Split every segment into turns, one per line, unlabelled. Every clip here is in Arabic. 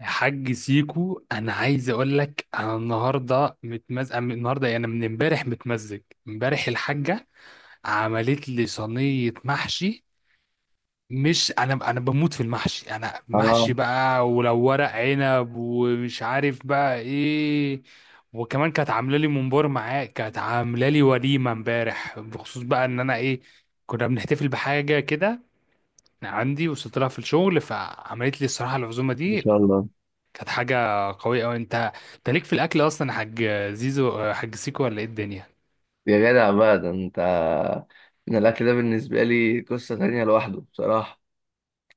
يا حاج سيكو، انا عايز اقول لك انا النهارده متمزج. أنا النهارده يعني من امبارح متمزج. امبارح الحاجه عملت لي صينيه محشي. مش انا بموت في المحشي، انا
اه.
محشي بقى ولو ورق عنب ومش عارف بقى ايه. وكمان كانت عامله لي ممبار معاه، كانت عامله لي وليمه امبارح بخصوص بقى ان انا ايه، كنا بنحتفل بحاجه كده عندي وصلت لها في الشغل، فعملت لي الصراحه العزومه
ما
دي.
شاء الله،
كانت حاجة قوية أوي. أنت ليك في الأكل أصلا يا حاج زيزو، حاج سيكو، ولا إيه الدنيا؟
يا جدع بقى، ده انت، ان الاكل ده بالنسبه لي قصه تانية لوحده بصراحه.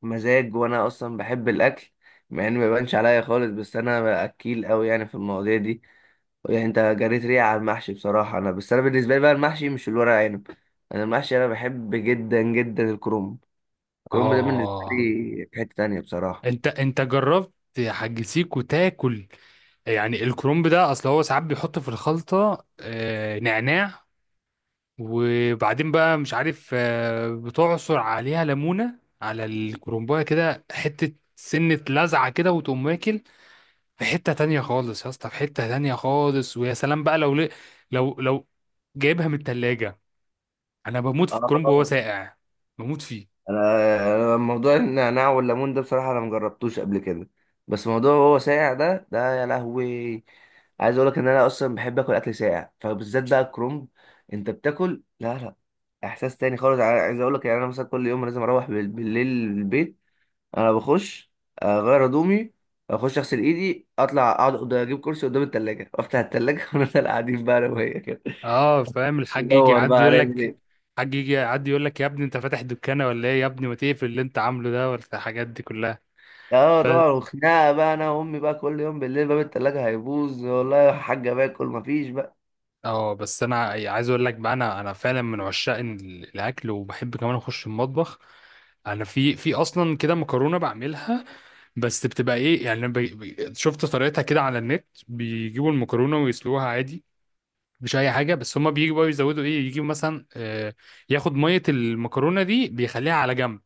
مزاج، وانا اصلا بحب الاكل، مع انه ما يبانش عليا خالص، بس انا اكيل قوي يعني في المواضيع دي. يعني انت جريت ريقي على المحشي بصراحه، انا بس انا بالنسبه لي بقى المحشي مش الورق عنب. انا المحشي، انا بحب جدا جدا الكرنب. الكرنب ده بالنسبه لي
آه،
في حته تانية بصراحه.
أنت جربت يا حاج سيكو تاكل يعني الكرنب ده؟ أصل هو ساعات بيحط في الخلطة نعناع، وبعدين بقى مش عارف بتعصر عليها ليمونة على الكرنباية كده حتة سنة لزعة كده وتقوم واكل. في حتة تانية خالص يا اسطى، في حتة تانية خالص. ويا سلام بقى لو لو جايبها من التلاجة، انا بموت في الكرنب وهو
اه.
ساقع، بموت فيه.
انا موضوع النعناع والليمون ده بصراحه انا مجربتوش قبل كده. بس موضوع هو ساقع ده، يا لهوي. عايز اقول لك ان انا اصلا بحب اكل اكل ساقع، فبالذات بقى الكرنب. انت بتاكل، لا، لا، احساس تاني خالص. عايز اقول لك يعني انا مثلا كل يوم لازم اروح بالليل البيت. انا بخش، اغير هدومي، اخش اغسل ايدي، اطلع اقعد اجيب كرسي قدام التلاجة وافتح التلاجة ونفضل قاعدين بقى انا وهي كده.
اه، فاهم، الحاج يجي
ندور بقى
يعدي يقول
هنعمل
لك،
ايه.
الحاج يجي يعدي يقول لك يا ابني انت فاتح دكانه ولا ايه، يا ابني ما تقفل اللي انت عامله ده ولا الحاجات دي كلها.
اه
بس
طبعا، وخناقه بقى انا وامي بقى كل يوم بالليل. باب التلاجة هيبوظ والله يا حاجه، باكل مفيش بقى.
اه، بس انا يعني عايز اقول لك بقى، انا فعلا من عشاق الاكل، وبحب كمان اخش المطبخ. انا في اصلا كده مكرونه بعملها، بس بتبقى ايه يعني شفت طريقتها كده على النت، بيجيبوا المكرونه ويسلوها عادي، مش اي حاجه. بس هما بيجوا بقى يزودوا ايه، يجيبوا مثلا ياخد ميه المكرونه دي بيخليها على جنب،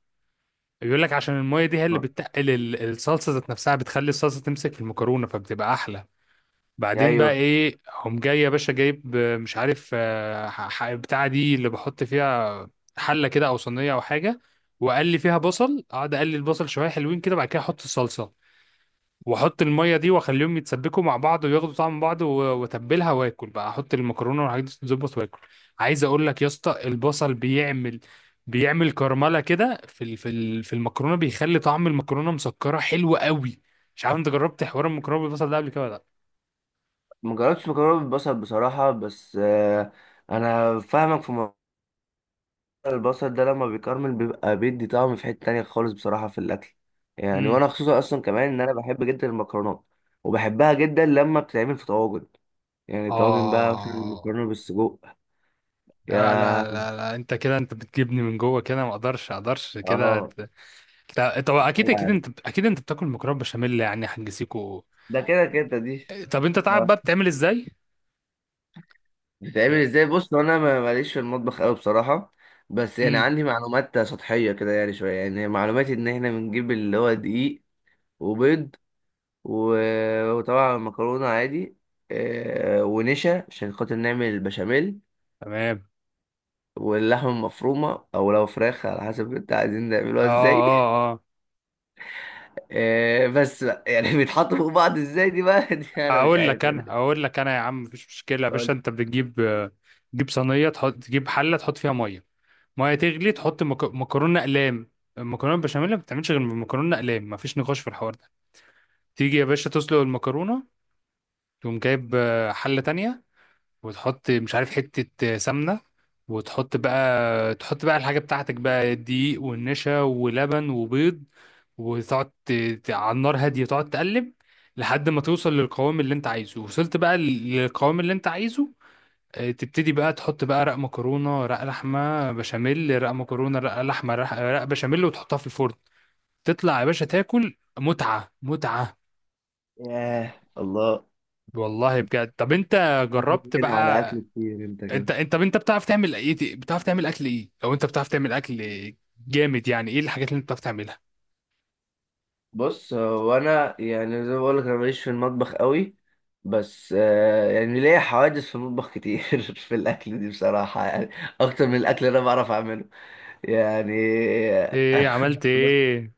بيقول لك عشان الميه دي هي اللي
آه.
بتتقل الصلصه ذات نفسها، بتخلي الصلصه تمسك في المكرونه فبتبقى احلى. بعدين بقى
ايوه،
ايه، هم جاي يا باشا جايب مش عارف بتاع دي اللي بحط فيها، حله كده او صينيه او حاجه، وقلي فيها بصل، اقعد اقلي البصل شويه حلوين كده، بعد كده احط الصلصه، واحط الميه دي، واخليهم يتسبكوا مع بعض وياخدوا طعم بعض، واتبلها، واكل بقى احط المكرونه والحاجات دي تتظبط واكل. عايز اقول لك يا اسطى، البصل بيعمل، بيعمل كرمله كده في في المكرونه، بيخلي طعم المكرونه مسكره حلو قوي. مش عارف انت جربت حوار المكرونه بالبصل ده قبل كده ولا لا؟
ما جربتش مكرونه بالبصل بصراحه، بس انا فاهمك في موضوع. البصل ده لما بيكرمل بيبقى بيدي طعم في حته تانية خالص بصراحه في الاكل. يعني
امم
وانا خصوصا اصلا كمان ان انا بحب جدا المكرونات، وبحبها جدا لما بتتعمل في طواجن، يعني طواجن بقى مثلا
اه،
مكرونه بالسجق.
لا لا
يا،
لا لا انت كده، انت بتجيبني من جوه كده، ما اقدرش كده
اه،
طب اكيد
لا، لا.
انت، اكيد انت بتاكل مكرونه بشاميل يعني هنجسيكوا.
ده كده كده دي.
طب انت تعرف بقى بتعمل ازاي؟
بتعمل ازاي؟ بص، هو انا ماليش في المطبخ قوي بصراحه. بس يعني
امم،
عندي معلومات سطحيه كده، يعني شويه، يعني معلوماتي ان احنا بنجيب اللي هو دقيق، وبيض و- وطبعا مكرونه عادي، ونشا عشان خاطر نعمل البشاميل،
تمام.
واللحمه المفرومه او لو فراخ على حسب انت عايزين
اه
نعملوها ازاي.
اه اه،
بس بقى يعني بيتحطوا فوق بعض ازاي دي بقى، دي انا مش
اقول لك
عارف
انا،
يعني.
اقول لك انا يا عم، مفيش مشكله يا باشا،
قول-
انت بتجيب تجيب صينيه، تحط، تجيب حله، تحط فيها ميه، ميه تغلي، تحط مكرونه اقلام. المكرونه البشاميل ما بتعملش غير من مكرونه اقلام، مفيش نقاش في الحوار ده. تيجي يا باشا تسلق المكرونه، تقوم جايب حله تانية، وتحط مش عارف حتة سمنة، وتحط بقى، تحط بقى الحاجة بتاعتك بقى، دقيق والنشا ولبن وبيض، وتقعد على النار هادية تقعد تقلب لحد ما توصل للقوام اللي انت عايزه. وصلت بقى للقوام اللي انت عايزه، تبتدي بقى تحط بقى رق مكرونة رق لحمة بشاميل رق مكرونة رق لحمة رق بشاميل، وتحطها في الفرن، تطلع يا باشا تاكل متعة متعة.
ياه الله!
والله بجد. طب انت
بتتكلم
جربت
هنا على اكل
بقى؟
كتير انت
انت
كده.
انت طب انت بتعرف تعمل ايه، بتعرف تعمل اكل ايه؟ لو انت بتعرف تعمل اكل جامد يعني، ايه الحاجات اللي انت بتعرف تعملها؟
بص، هو انا يعني زي ما بقولك انا ماليش في المطبخ قوي، بس يعني ليا حوادث في المطبخ كتير في الاكل دي بصراحه يعني، اكتر من الاكل اللي انا بعرف اعمله يعني.
ايه، عملت ايه؟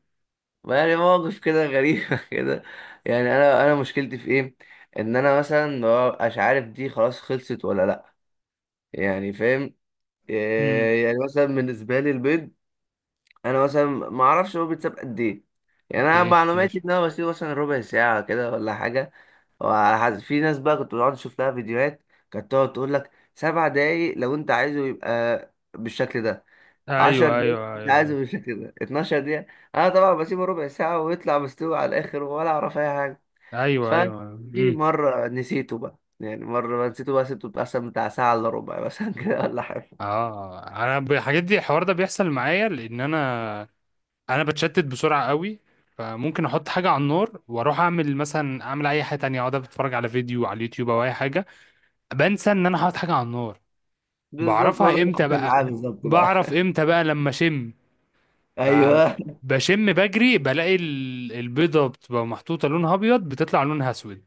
ما يعني مواقف كده غريبه، كده. يعني انا مشكلتي في ايه، ان انا مثلا ما ببقاش عارف دي خلاص خلصت ولا لا، يعني فاهم.
امم،
يعني مثلا بالنسبه لي البيض، انا مثلا ما اعرفش هو بيتساب قد ايه. يعني انا
اوكي
معلوماتي
ماشي.
ان انا بسيبه مثلا ربع ساعه كده ولا حاجه، وعلى حسب، في ناس بقى كنت بقعد اشوف لها فيديوهات، كانت تقعد تقول لك 7 دقايق لو انت عايزه يبقى بالشكل ده، عشر
ايوه ايوه
دقايق انت عايزه
ايوه.
بالشكل ده، 12 دقيقه. انا طبعا بسيبه ربع ساعه ويطلع مستوي على الاخر ولا اعرف اي حاجه.
ايوه ايوه.
ففي
امم.
مره نسيته بقى، يعني مرة بقى نسيته بقى، سبته مثلا بتاع ساعة إلا ربع مثلا كده ولا حاجة.
اه، الحاجات دي، الحوار ده بيحصل معايا لان انا، انا بتشتت بسرعه قوي، فممكن احط حاجه على النار واروح اعمل مثلا، اعمل اي حاجه تانية، اقعد اتفرج على فيديو على اليوتيوب او اي حاجه، بنسى ان انا حاطط حاجه على النار.
بالظبط، هو ده
بعرفها
اللي
امتى
حصل
بقى،
معايا بالظبط بقى.
بعرف امتى بقى، لما اشم،
أيوه،
فبشم بجري بلاقي البيضة بتبقى محطوطة لونها أبيض بتطلع لونها أسود،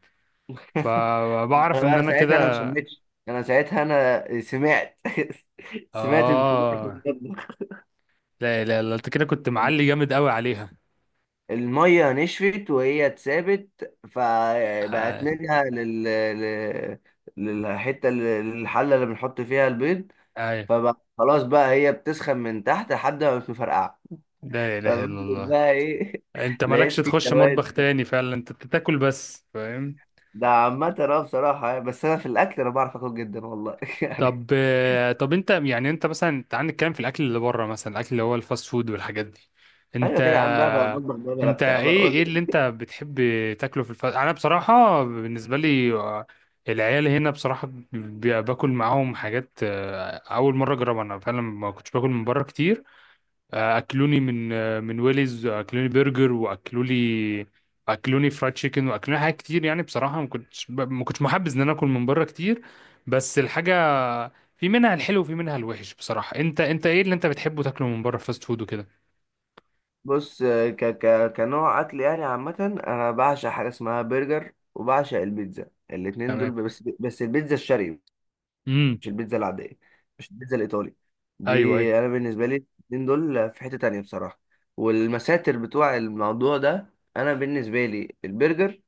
انا
فبعرف إن
بقى
أنا
ساعتها انا ما
كده.
شميتش، انا ساعتها انا سمعت سمعت انفجار في
آه،
المطبخ.
لا أنت كده، كنت معلي جامد قوي عليها.
الميه نشفت وهي اتسابت فبقت
آه،
منها للحته، الحله اللي بنحط فيها البيض.
أيوه.
فبقى خلاص بقى هي بتسخن من تحت لحد ما مش مفرقعه.
لا إله إلا
ففضلت
الله.
بقى ايه
أنت مالكش
لقيت في
تخش مطبخ
سواد بقى.
تاني فعلا، أنت بتاكل بس، فاهم؟
ده عامة بصراحة يعني، بس أنا في الأكل أنا بعرف آكل جدا والله، يعني.
طب طب انت يعني، انت مثلا تعال نتكلم في الاكل اللي بره، مثلا الاكل اللي هو الفاست فود والحاجات دي. انت،
أيوة كده يا عم بقى بطبخ بقى بلا
انت
بتاع
ايه ايه اللي
بقول.
انت بتحب تاكله في الفاست؟ انا بصراحه بالنسبه لي العيال هنا بصراحه باكل معاهم حاجات اول مره اجربها. انا فعلا ما كنتش باكل من بره كتير، اكلوني من من ويليز، اكلوني برجر، واكلولي اكلوني فرايد تشيكن، واكلوني حاجات كتير. يعني بصراحه ما كنتش محبذ ان انا اكل من بره كتير، بس الحاجه في منها الحلو وفي منها الوحش بصراحه. انت، انت ايه اللي انت بتحبه تاكله من بره فاست فود وكده؟
بص، ك ك كنوع اكل يعني عامه، انا بعشق حاجه اسمها برجر وبعشق البيتزا، الاتنين
تمام.
دول، بس البيتزا الشرقي،
امم.
مش البيتزا العاديه، مش البيتزا الايطالي دي.
ايوه ايوه.
انا بالنسبه لي الاتنين دول في حته تانية بصراحه. والمساتر بتوع الموضوع ده، انا بالنسبه لي البرجر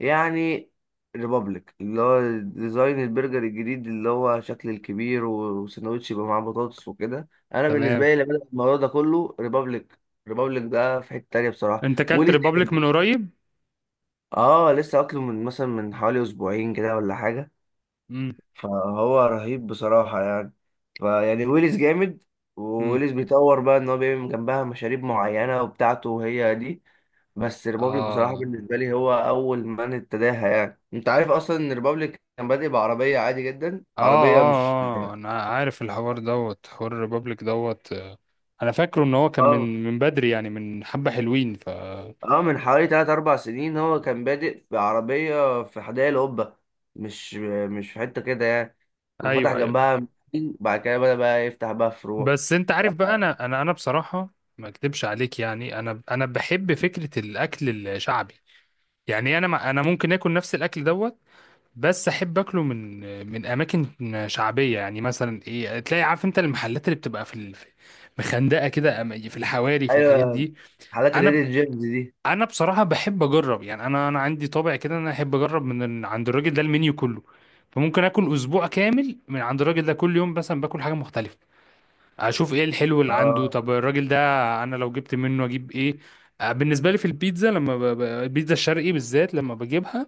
يعني ريبابليك، اللي هو ديزاين البرجر الجديد اللي هو شكل الكبير وسندوتش يبقى معاه بطاطس وكده. انا بالنسبه
تمام.
لي لما بدأ الموضوع ده كله ريبابليك، ريبابليك ده في حته تانيه بصراحه
انت اكلت
ولسه
ريبابليك
حلو.
من قريب؟
اه، لسه اكله من، مثلا، من حوالي اسبوعين كده ولا حاجه.
امم.
فهو رهيب بصراحه يعني. فيعني ويليز جامد،
امم.
وويليز بيطور بقى ان هو بيعمل جنبها مشاريب معينه وبتاعته وهي دي. بس ريبابليك بصراحة
اه
بالنسبة لي هو أول من ابتداها. يعني أنت عارف أصلا إن ريبابليك كان بادئ بعربية عادي جدا،
اه
عربية مش...
اه اه، انا عارف الحوار دوت، حوار الريبابليك دوت، انا فاكره ان هو كان
آه
من من بدري، يعني من حبة حلوين. ف
من حوالي 3 4 سنين هو كان بادئ بعربية في حدائق القبة، مش مش في حتة كده يعني. وفتح
ايوه ايوه.
جنبها محل، بعد كده بدأ بقى يفتح بقى فروع.
بس انت
ف-
عارف بقى، انا انا بصراحة ما اكدبش عليك، يعني انا بحب فكرة الاكل الشعبي. يعني انا، ما انا ممكن اكل نفس الاكل دوت، بس احب اكله من من اماكن شعبية يعني. مثلا ايه، تلاقي عارف انت، المحلات اللي بتبقى في مخندقة كده، في الحواري في الحاجات
أيوه،
دي.
حالات
انا
الهيدن جيمز دي.
انا بصراحه بحب اجرب، يعني انا عندي طابع كده ان انا احب اجرب من عند الراجل ده المنيو كله، فممكن اكل اسبوع كامل من عند الراجل ده، كل يوم مثلا باكل حاجه مختلفه، اشوف ايه الحلو اللي عنده.
آه
طب الراجل ده انا لو جبت منه اجيب ايه؟ بالنسبه لي في البيتزا، لما البيتزا الشرقي بالذات لما بجيبها،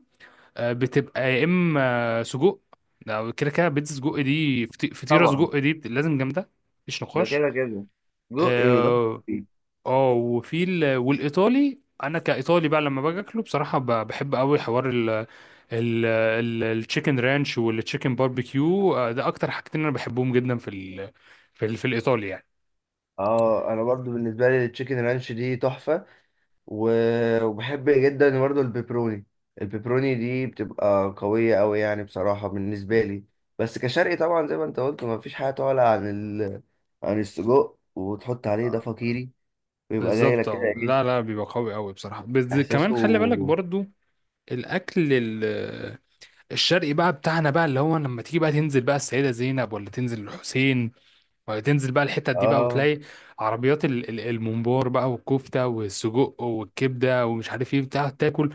بتبقى يا اما سجق، ده كده كده بيتزا سجق دي، فطيره
طبعا،
سجق دي لازم جامده، مفيش
ده
نقاش.
كده كده، جو إيه ده؟
آه، اه. وفي والايطالي، انا كايطالي بقى لما باجي اكله بصراحه، بحب قوي حوار ال التشيكن رانش والتشيكن باربيكيو، ده اكتر حاجتين انا بحبهم جدا في ال في, ال في الايطالي يعني.
أنا برضو بالنسبة لي التشيكن رانش دي تحفة، و- وبحب جدا برضه البيبروني. البيبروني دي بتبقى قوية أوي يعني بصراحة بالنسبة لي. بس كشرقي طبعا زي ما انت قلت، مفيش حاجة تعلى عن ال... عن السجق وتحط عليه ده فقيري، ويبقى جاي
بالظبط.
لك كده
اه، لا
ايه
لا، بيبقى قوي قوي بصراحه. بس
احساسه.
كمان خلي بالك برضو الاكل الشرقي بقى بتاعنا بقى، اللي هو لما تيجي بقى تنزل بقى السيده زينب، ولا تنزل الحسين، وتنزل بقى الحتت دي بقى،
اه،
وتلاقي عربيات الممبار بقى، والكفتة والسجق والكبدة ومش عارف ايه بتاع تاكل.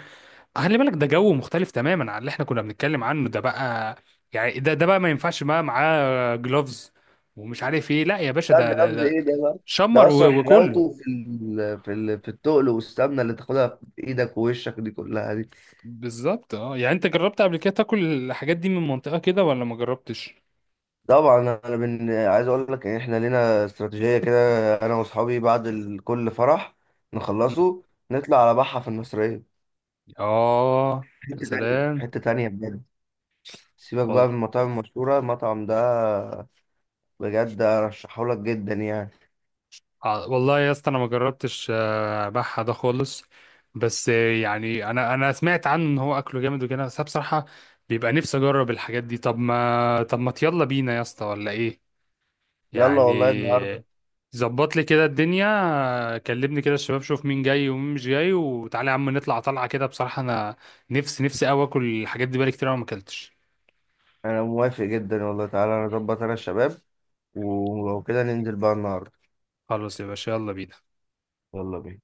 خلي بالك ده جو مختلف تماما عن اللي احنا كنا بنتكلم عنه ده بقى. يعني ده ده بقى ما ينفعش بقى معاه جلوفز ومش عارف ايه. لا يا باشا،
لا، ده لفظ
ده
ايه ده بقى.
شمر
ده اصلا
وكل.
حلاوته في التقل والسمنة اللي تاخدها في ايدك ووشك دي كلها دي.
بالظبط. اه، يعني انت جربت قبل كده تاكل الحاجات دي من منطقة كده ولا ما جربتش؟
طبعا، انا عايز اقول لك ان احنا لينا استراتيجيه كده، انا واصحابي بعد كل فرح نخلصه نطلع على بحه في المصريه.
اه. يا
حته تانية،
سلام.
حته تانية بجد. سيبك
والله.
بقى من المطاعم المشهوره، المطعم ده بجد ارشحه لك جدا يعني.
والله يا اسطى، انا ما جربتش بحة ده خالص، بس يعني انا سمعت عنه ان هو اكله جامد وكده، بس أنا بصراحة بيبقى نفسي اجرب الحاجات دي. طب ما، طب ما يلا بينا يا اسطى ولا ايه
يلا
يعني؟
والله النهارده.
ظبط لي كده الدنيا، كلمني كده الشباب، شوف مين جاي ومين مش جاي، وتعالى يا عم نطلع طلعة كده. بصراحة انا نفسي، نفسي قوي اكل الحاجات دي، بقالي كتير أوي ما اكلتش.
انا موافق جدا والله، تعالى انا اظبط انا الشباب، ولو كده ننزل بقى النهارده.
خلاص يا باشا، يلا بينا.
يلا بينا.